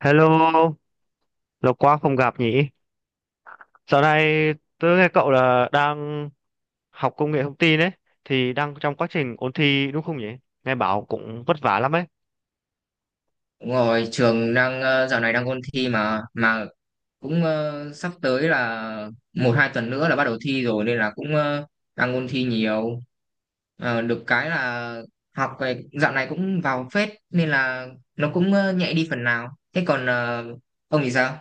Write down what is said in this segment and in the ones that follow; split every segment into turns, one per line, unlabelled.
Hello, lâu quá không gặp nhỉ? Dạo này tớ nghe cậu là đang học công nghệ thông tin ấy, thì đang trong quá trình ôn thi đúng không nhỉ? Nghe bảo cũng vất vả lắm ấy.
Đúng rồi, trường đang dạo này đang ôn thi mà cũng sắp tới là 1-2 tuần nữa là bắt đầu thi rồi nên là cũng đang ôn thi nhiều. Được cái là học về dạo này cũng vào phết nên là nó cũng nhẹ đi phần nào. Thế còn ông thì sao?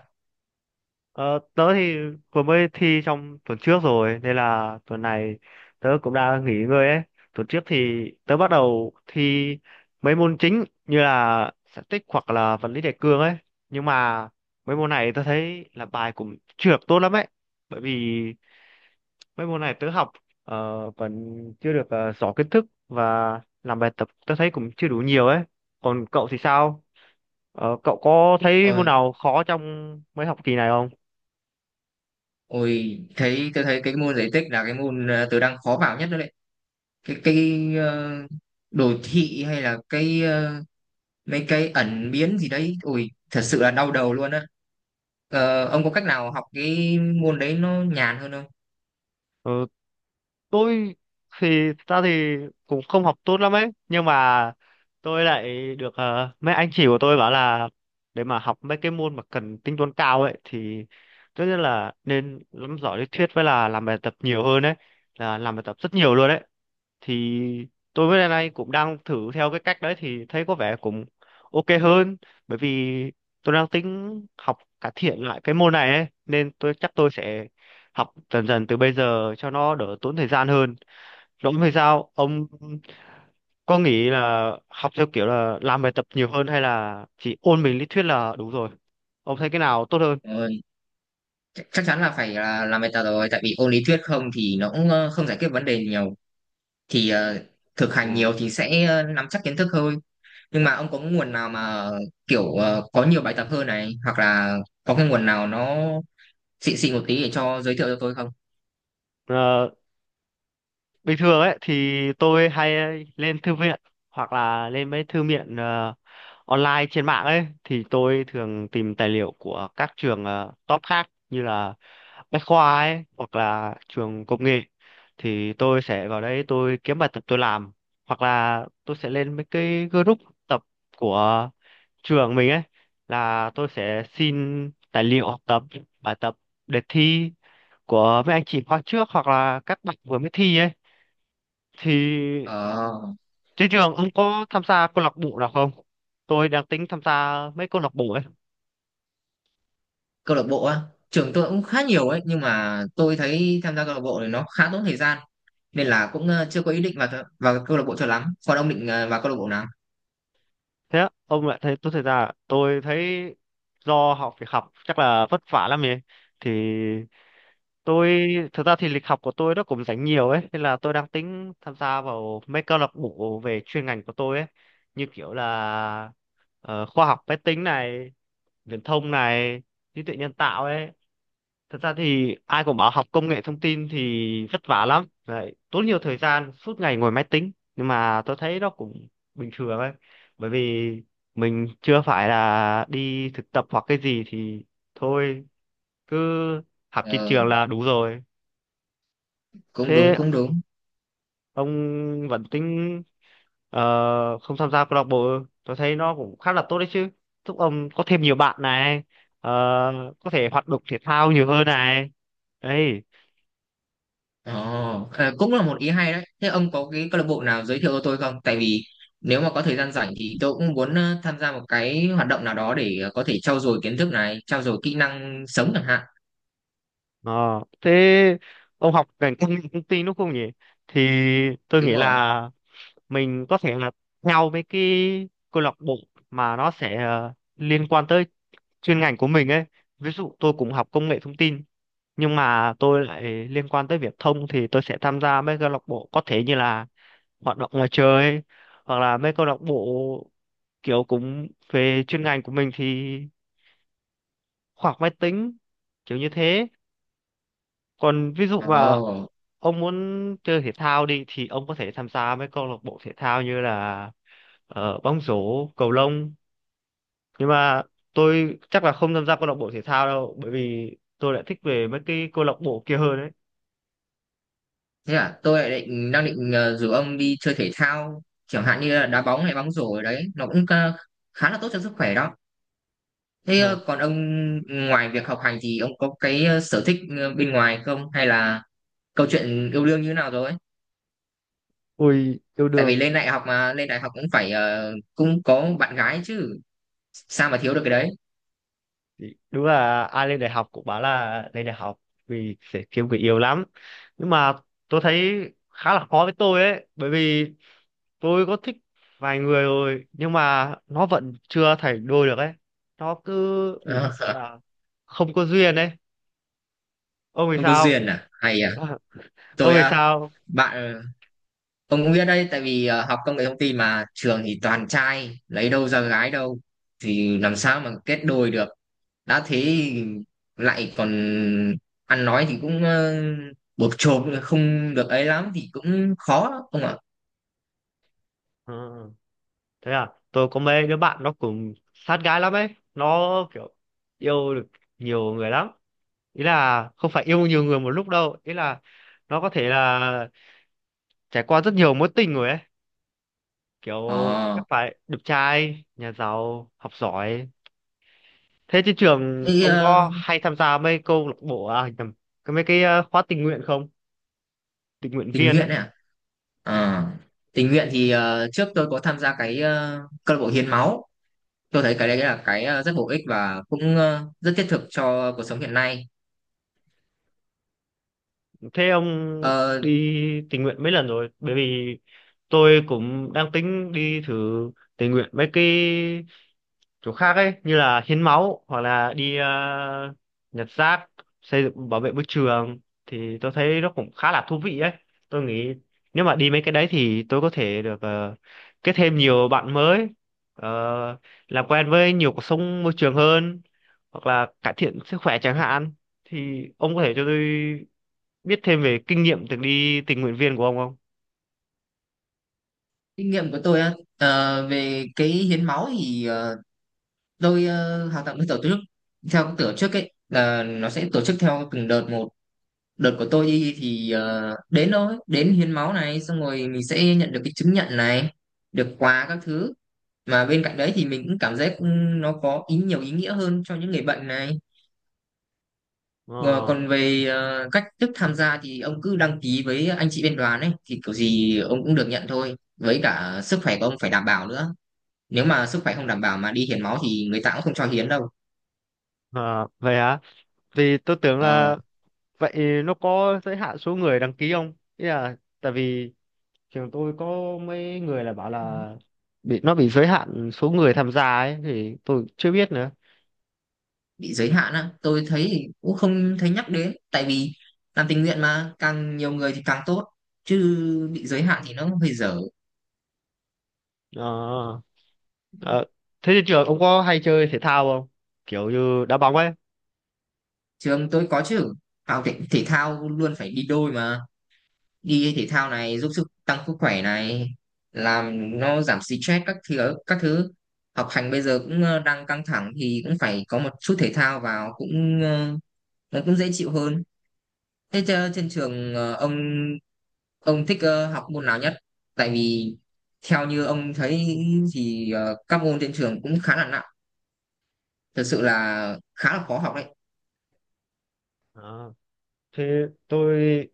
Ờ, Tớ thì vừa mới thi trong tuần trước rồi, nên là tuần này tớ cũng đang nghỉ ngơi ấy. Tuần trước thì tớ bắt đầu thi mấy môn chính như là static tích hoặc là vật lý đại cương ấy. Nhưng mà mấy môn này tớ thấy là bài cũng chưa được tốt lắm ấy. Bởi vì mấy môn này tớ học vẫn chưa được rõ kiến thức và làm bài tập tớ thấy cũng chưa đủ nhiều ấy, còn cậu thì sao? Cậu có thấy môn
Ôi,
nào khó trong mấy học kỳ này không?
ôi thấy tôi thấy cái môn giải tích là cái môn tôi đang khó vào nhất đó đấy. Cái ờ, đồ thị hay là cái mấy cái ẩn biến gì đấy, ôi thật sự là đau đầu luôn á. Ông có cách nào học cái môn đấy nó nhàn hơn không?
Ờ, tôi thì thật ra thì cũng không học tốt lắm ấy, nhưng mà tôi lại được mấy anh chị của tôi bảo là để mà học mấy cái môn mà cần tính toán cao ấy thì tất nhiên là nên nắm rõ lý thuyết với là làm bài tập nhiều hơn ấy, là làm bài tập rất nhiều luôn đấy. Thì tôi với lại này cũng đang thử theo cái cách đấy thì thấy có vẻ cũng ok hơn, bởi vì tôi đang tính học cải thiện lại cái môn này ấy nên tôi chắc tôi sẽ học dần dần từ bây giờ cho nó đỡ tốn thời gian hơn. Rỗng hay sao ông có nghĩ là học theo kiểu là làm bài tập nhiều hơn hay là chỉ ôn mình lý thuyết là đủ rồi, ông thấy cái nào tốt hơn?
Ờ, Chắc chắn là phải là làm bài tập rồi, tại vì ôn lý thuyết không thì nó cũng không giải quyết vấn đề nhiều. Thì thực hành nhiều thì sẽ nắm chắc kiến thức hơn. Nhưng mà ông có nguồn nào mà kiểu có nhiều bài tập hơn này, hoặc là có cái nguồn nào nó xịn xịn một tí để cho giới thiệu cho tôi không?
Ừ, bình thường ấy thì tôi hay lên thư viện hoặc là lên mấy thư viện online trên mạng ấy, thì tôi thường tìm tài liệu của các trường top khác như là Bách Khoa ấy hoặc là trường công nghệ, thì tôi sẽ vào đấy tôi kiếm bài tập tôi làm, hoặc là tôi sẽ lên mấy cái group tập của trường mình ấy, là tôi sẽ xin tài liệu học tập, bài tập, đề thi của mấy anh chị khóa trước hoặc là các bạn vừa mới thi ấy. Thì
Ờ.
trên trường ông có tham gia câu lạc bộ nào không? Tôi đang tính tham gia mấy câu lạc bộ ấy.
Câu lạc bộ á, trường tôi cũng khá nhiều ấy nhưng mà tôi thấy tham gia câu lạc bộ thì nó khá tốn thời gian nên là cũng chưa có ý định vào vào câu lạc bộ cho lắm. Còn ông định vào câu lạc bộ nào?
Thế á, ông lại thấy tôi thấy do học việc học chắc là vất vả lắm ấy. Thì tôi thực ra thì lịch học của tôi nó cũng rảnh nhiều ấy nên là tôi đang tính tham gia vào mấy câu lạc bộ về chuyên ngành của tôi ấy, như kiểu là khoa học máy tính này, viễn thông này, trí tuệ nhân tạo ấy. Thật ra thì ai cũng bảo học công nghệ thông tin thì vất vả lắm đấy, tốn nhiều thời gian suốt ngày ngồi máy tính, nhưng mà tôi thấy nó cũng bình thường ấy, bởi vì mình chưa phải là đi thực tập hoặc cái gì thì thôi cứ học trên
Ờ,
trường là đủ rồi.
Cũng đúng,
Thế
cũng đúng.
ông vẫn tính không tham gia câu lạc bộ? Tôi thấy nó cũng khá là tốt đấy chứ, giúp ông có thêm nhiều bạn này, ờ, có thể hoạt động thể thao nhiều hơn này, đấy.
Ồ, cũng là một ý hay đấy. Thế ông có cái câu lạc bộ nào giới thiệu cho tôi không, tại vì nếu mà có thời gian rảnh thì tôi cũng muốn tham gia một cái hoạt động nào đó để có thể trau dồi kiến thức này, trau dồi kỹ năng sống chẳng hạn.
Ờ, Thế ông học ngành công nghệ thông tin đúng không nhỉ? Thì tôi
Đúng
nghĩ
rồi.
là mình có thể là theo mấy cái câu lạc bộ mà nó sẽ liên quan tới chuyên ngành của mình ấy. Ví dụ tôi cũng học công nghệ thông tin nhưng mà tôi lại liên quan tới viễn thông thì tôi sẽ tham gia mấy câu lạc bộ có thể như là hoạt động ngoài trời ấy, hoặc là mấy câu lạc bộ kiểu cũng về chuyên ngành của mình thì khoa học máy tính, kiểu như thế. Còn ví dụ mà
Ồ.
ông muốn chơi thể thao đi thì ông có thể tham gia mấy câu lạc bộ thể thao như là bóng rổ, cầu lông, nhưng mà tôi chắc là không tham gia câu lạc bộ thể thao đâu bởi vì tôi lại thích về mấy cái câu lạc bộ kia hơn đấy.
Thế à, tôi lại đang định rủ ông đi chơi thể thao, chẳng hạn như là đá bóng hay bóng rổ ở đấy, nó cũng khá là tốt cho sức khỏe đó. Thế
Ờ,
còn ông, ngoài việc học hành thì ông có cái sở thích bên ngoài không, hay là câu chuyện yêu đương như thế nào rồi?
ui yêu
Tại vì
đương.
lên đại học mà, lên đại học cũng phải cũng có bạn gái chứ, sao mà thiếu được cái đấy?
Đúng là ai lên đại học cũng bảo là lên đại học vì sẽ kiếm người yêu lắm, nhưng mà tôi thấy khá là khó với tôi ấy, bởi vì tôi có thích vài người rồi nhưng mà nó vẫn chưa thành đôi được ấy, nó cứ bị kiểu là không có duyên ấy. Ông thì
Không có
sao?
duyên à? Hay à?
Ông
Tôi,
thì sao?
bạn. Ông cũng biết đấy, tại vì học công nghệ thông tin mà trường thì toàn trai, lấy đâu ra gái đâu thì làm sao mà kết đôi được. Đã thế thì lại còn ăn nói thì cũng bộp chộp không được ấy lắm thì cũng khó lắm, ông ạ.
Ừ, thế à, tôi có mấy đứa bạn nó cũng sát gái lắm ấy, nó kiểu yêu được nhiều người lắm, ý là không phải yêu nhiều người một lúc đâu, ý là nó có thể là trải qua rất nhiều mối tình rồi ấy, kiểu
ờ
chắc phải đẹp trai nhà giàu học giỏi. Thế trên trường
thế,
ông
ờ,
có hay tham gia mấy câu lạc bộ, à nhầm, cái mấy cái khóa tình nguyện không, tình nguyện
tình
viên
nguyện
ấy?
này à? Ờ, Tình nguyện thì trước tôi có tham gia cái câu lạc bộ hiến máu. Tôi thấy cái đấy là cái rất bổ ích và cũng rất thiết thực cho cuộc sống hiện nay.
Thế ông
Ờ,
đi tình nguyện mấy lần rồi, bởi vì tôi cũng đang tính đi thử tình nguyện mấy cái chỗ khác ấy, như là hiến máu hoặc là đi nhặt rác, xây dựng bảo vệ môi trường, thì tôi thấy nó cũng khá là thú vị ấy. Tôi nghĩ nếu mà đi mấy cái đấy thì tôi có thể được kết thêm nhiều bạn mới, ờ, làm quen với nhiều cuộc sống môi trường hơn hoặc là cải thiện sức khỏe chẳng hạn. Thì ông có thể cho tôi biết thêm về kinh nghiệm từng đi tình nguyện viên của ông không?
Kinh nghiệm của tôi á, về cái hiến máu thì tôi hoạt động với tổ chức, theo cái tổ chức ấy là nó sẽ tổ chức theo từng đợt một. Đợt của tôi đi thì đến hiến máu này, xong rồi mình sẽ nhận được cái chứng nhận này, được quà các thứ. Mà bên cạnh đấy thì mình cũng cảm giác nó có ý nhiều ý nghĩa hơn cho những người bệnh này. Ờ,
Ờ,
Còn về cách thức tham gia thì ông cứ đăng ký với anh chị bên đoàn ấy thì kiểu gì ông cũng được nhận thôi, với cả sức khỏe của ông phải đảm bảo nữa. Nếu mà sức khỏe không đảm bảo mà đi hiến máu thì người ta cũng không cho hiến đâu.
ờ, vậy hả? Vì tôi tưởng
Ờ,
là vậy nó có giới hạn số người đăng ký không? Ý là tại vì trường tôi có mấy người là bảo là bị nó bị giới hạn số người tham gia ấy, thì tôi chưa biết nữa.
bị giới hạn á, tôi thấy thì cũng không thấy nhắc đến, tại vì làm tình nguyện mà càng nhiều người thì càng tốt chứ, bị giới hạn thì nó hơi dở.
Ờ, ờ, thế thì trường ông có hay chơi thể thao không? Kiểu như đá bóng ấy.
Trường tôi có chứ, học thể thao luôn phải đi đôi mà. Đi thể thao này giúp sức, tăng sức khỏe này, làm nó giảm stress các thứ các thứ. Học hành bây giờ cũng đang căng thẳng thì cũng phải có một chút thể thao vào, cũng nó cũng dễ chịu hơn. Thế trên trường ông thích học môn nào nhất? Tại vì theo như ông thấy thì các môn trên trường cũng khá là nặng, thực sự là khá là khó học đấy.
Ờ, Thế tôi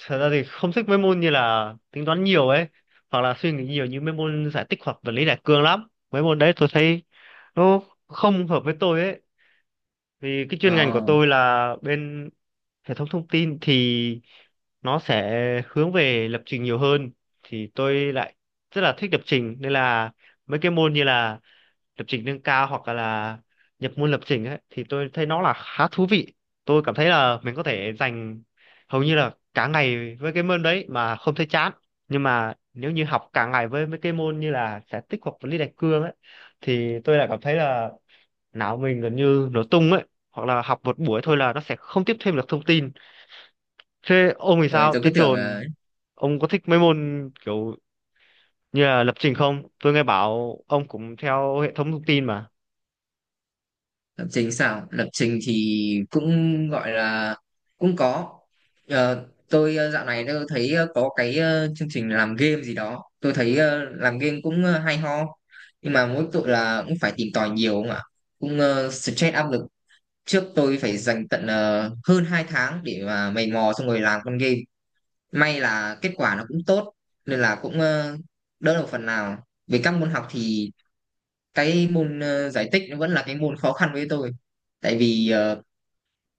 thật ra thì không thích mấy môn như là tính toán nhiều ấy, hoặc là suy nghĩ nhiều như mấy môn giải tích hoặc vật lý đại cương lắm. Mấy môn đấy tôi thấy nó không hợp với tôi ấy. Vì cái chuyên ngành
Ờ,
của tôi là bên hệ thống thông tin thì nó sẽ hướng về lập trình nhiều hơn, thì tôi lại rất là thích lập trình nên là mấy cái môn như là lập trình nâng cao hoặc là nhập môn lập trình ấy thì tôi thấy nó là khá thú vị. Tôi cảm thấy là mình có thể dành hầu như là cả ngày với cái môn đấy mà không thấy chán. Nhưng mà nếu như học cả ngày với mấy cái môn như là sẽ tích hợp với lý đại cương ấy thì tôi lại cảm thấy là não mình gần như nổ tung ấy, hoặc là học một buổi thôi là nó sẽ không tiếp thêm được thông tin. Thế ông thì
Rồi
sao,
tôi cứ
trên
tưởng là
trường ông có thích mấy môn kiểu như là lập trình không, tôi nghe bảo ông cũng theo hệ thống thông tin mà.
lập trình sao? Lập trình thì cũng gọi là cũng có. Tôi, dạo này tôi thấy có cái chương trình làm game gì đó. Tôi thấy làm game cũng hay ho, nhưng mà mỗi tội là cũng phải tìm tòi nhiều không ạ? Cũng stress, áp lực. Trước tôi phải dành tận hơn 2 tháng để mà mày mò xong rồi làm con game, may là kết quả nó cũng tốt nên là cũng đỡ được phần nào. Về các môn học thì cái môn giải tích nó vẫn là cái môn khó khăn với tôi, tại vì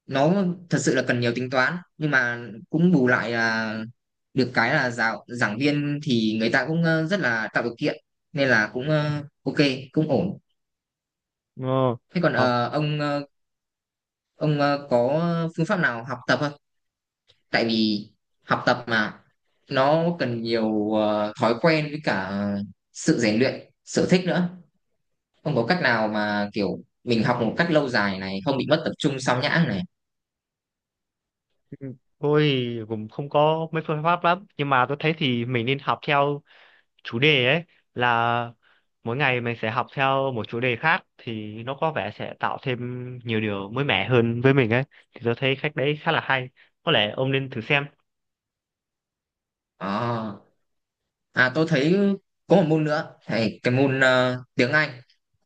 nó thật sự là cần nhiều tính toán, nhưng mà cũng bù lại là được cái là giảng viên thì người ta cũng rất là tạo điều kiện nên là cũng ok, cũng ổn.
Ờ,
Thế còn
học
ông, có phương pháp nào học tập không, tại vì học tập mà nó cần nhiều thói quen với cả sự rèn luyện, sở thích nữa, không có cách nào mà kiểu mình học một cách lâu dài này, không bị mất tập trung, sao nhãng này.
Ừ, tôi thì cũng không có mấy phương pháp lắm nhưng mà tôi thấy thì mình nên học theo chủ đề ấy, là mỗi ngày mình sẽ học theo một chủ đề khác thì nó có vẻ sẽ tạo thêm nhiều điều mới mẻ hơn với mình ấy. Thì tôi thấy cách đấy khá là hay, có lẽ ông nên thử xem.
Ờ. À, tôi thấy có một môn nữa thầy cái môn tiếng Anh.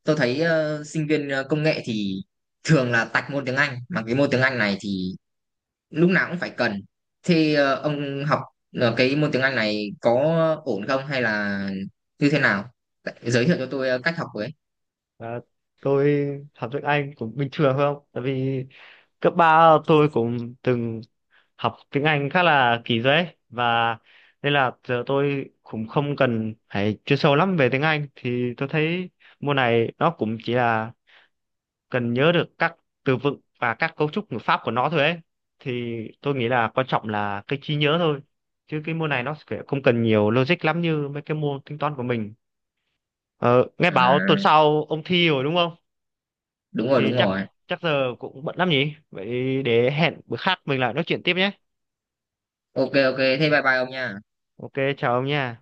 Tôi thấy sinh viên công nghệ thì thường là tạch môn tiếng Anh, mà cái môn tiếng Anh này thì lúc nào cũng phải cần. Thì ông học cái môn tiếng Anh này có ổn không hay là như thế nào? Giới thiệu cho tôi cách học với.
Ờ, tôi học tiếng Anh cũng bình thường thôi không? Tại vì cấp 3 tôi cũng từng học tiếng Anh khá là kỳ rồi ấy. Và nên là giờ tôi cũng không cần phải chuyên sâu lắm về tiếng Anh, thì tôi thấy môn này nó cũng chỉ là cần nhớ được các từ vựng và các cấu trúc ngữ pháp của nó thôi ấy. Thì tôi nghĩ là quan trọng là cái trí nhớ thôi. Chứ cái môn này nó sẽ không cần nhiều logic lắm như mấy cái môn tính toán của mình. Ờ, nghe bảo tuần
À,
sau ông thi rồi đúng không?
đúng rồi,
Thì
đúng
chắc
rồi.
chắc giờ cũng bận lắm nhỉ, vậy để hẹn bữa khác mình lại nói chuyện tiếp nhé.
Ok, ok. Thế bye bye ông nha.
Ok, chào ông nha.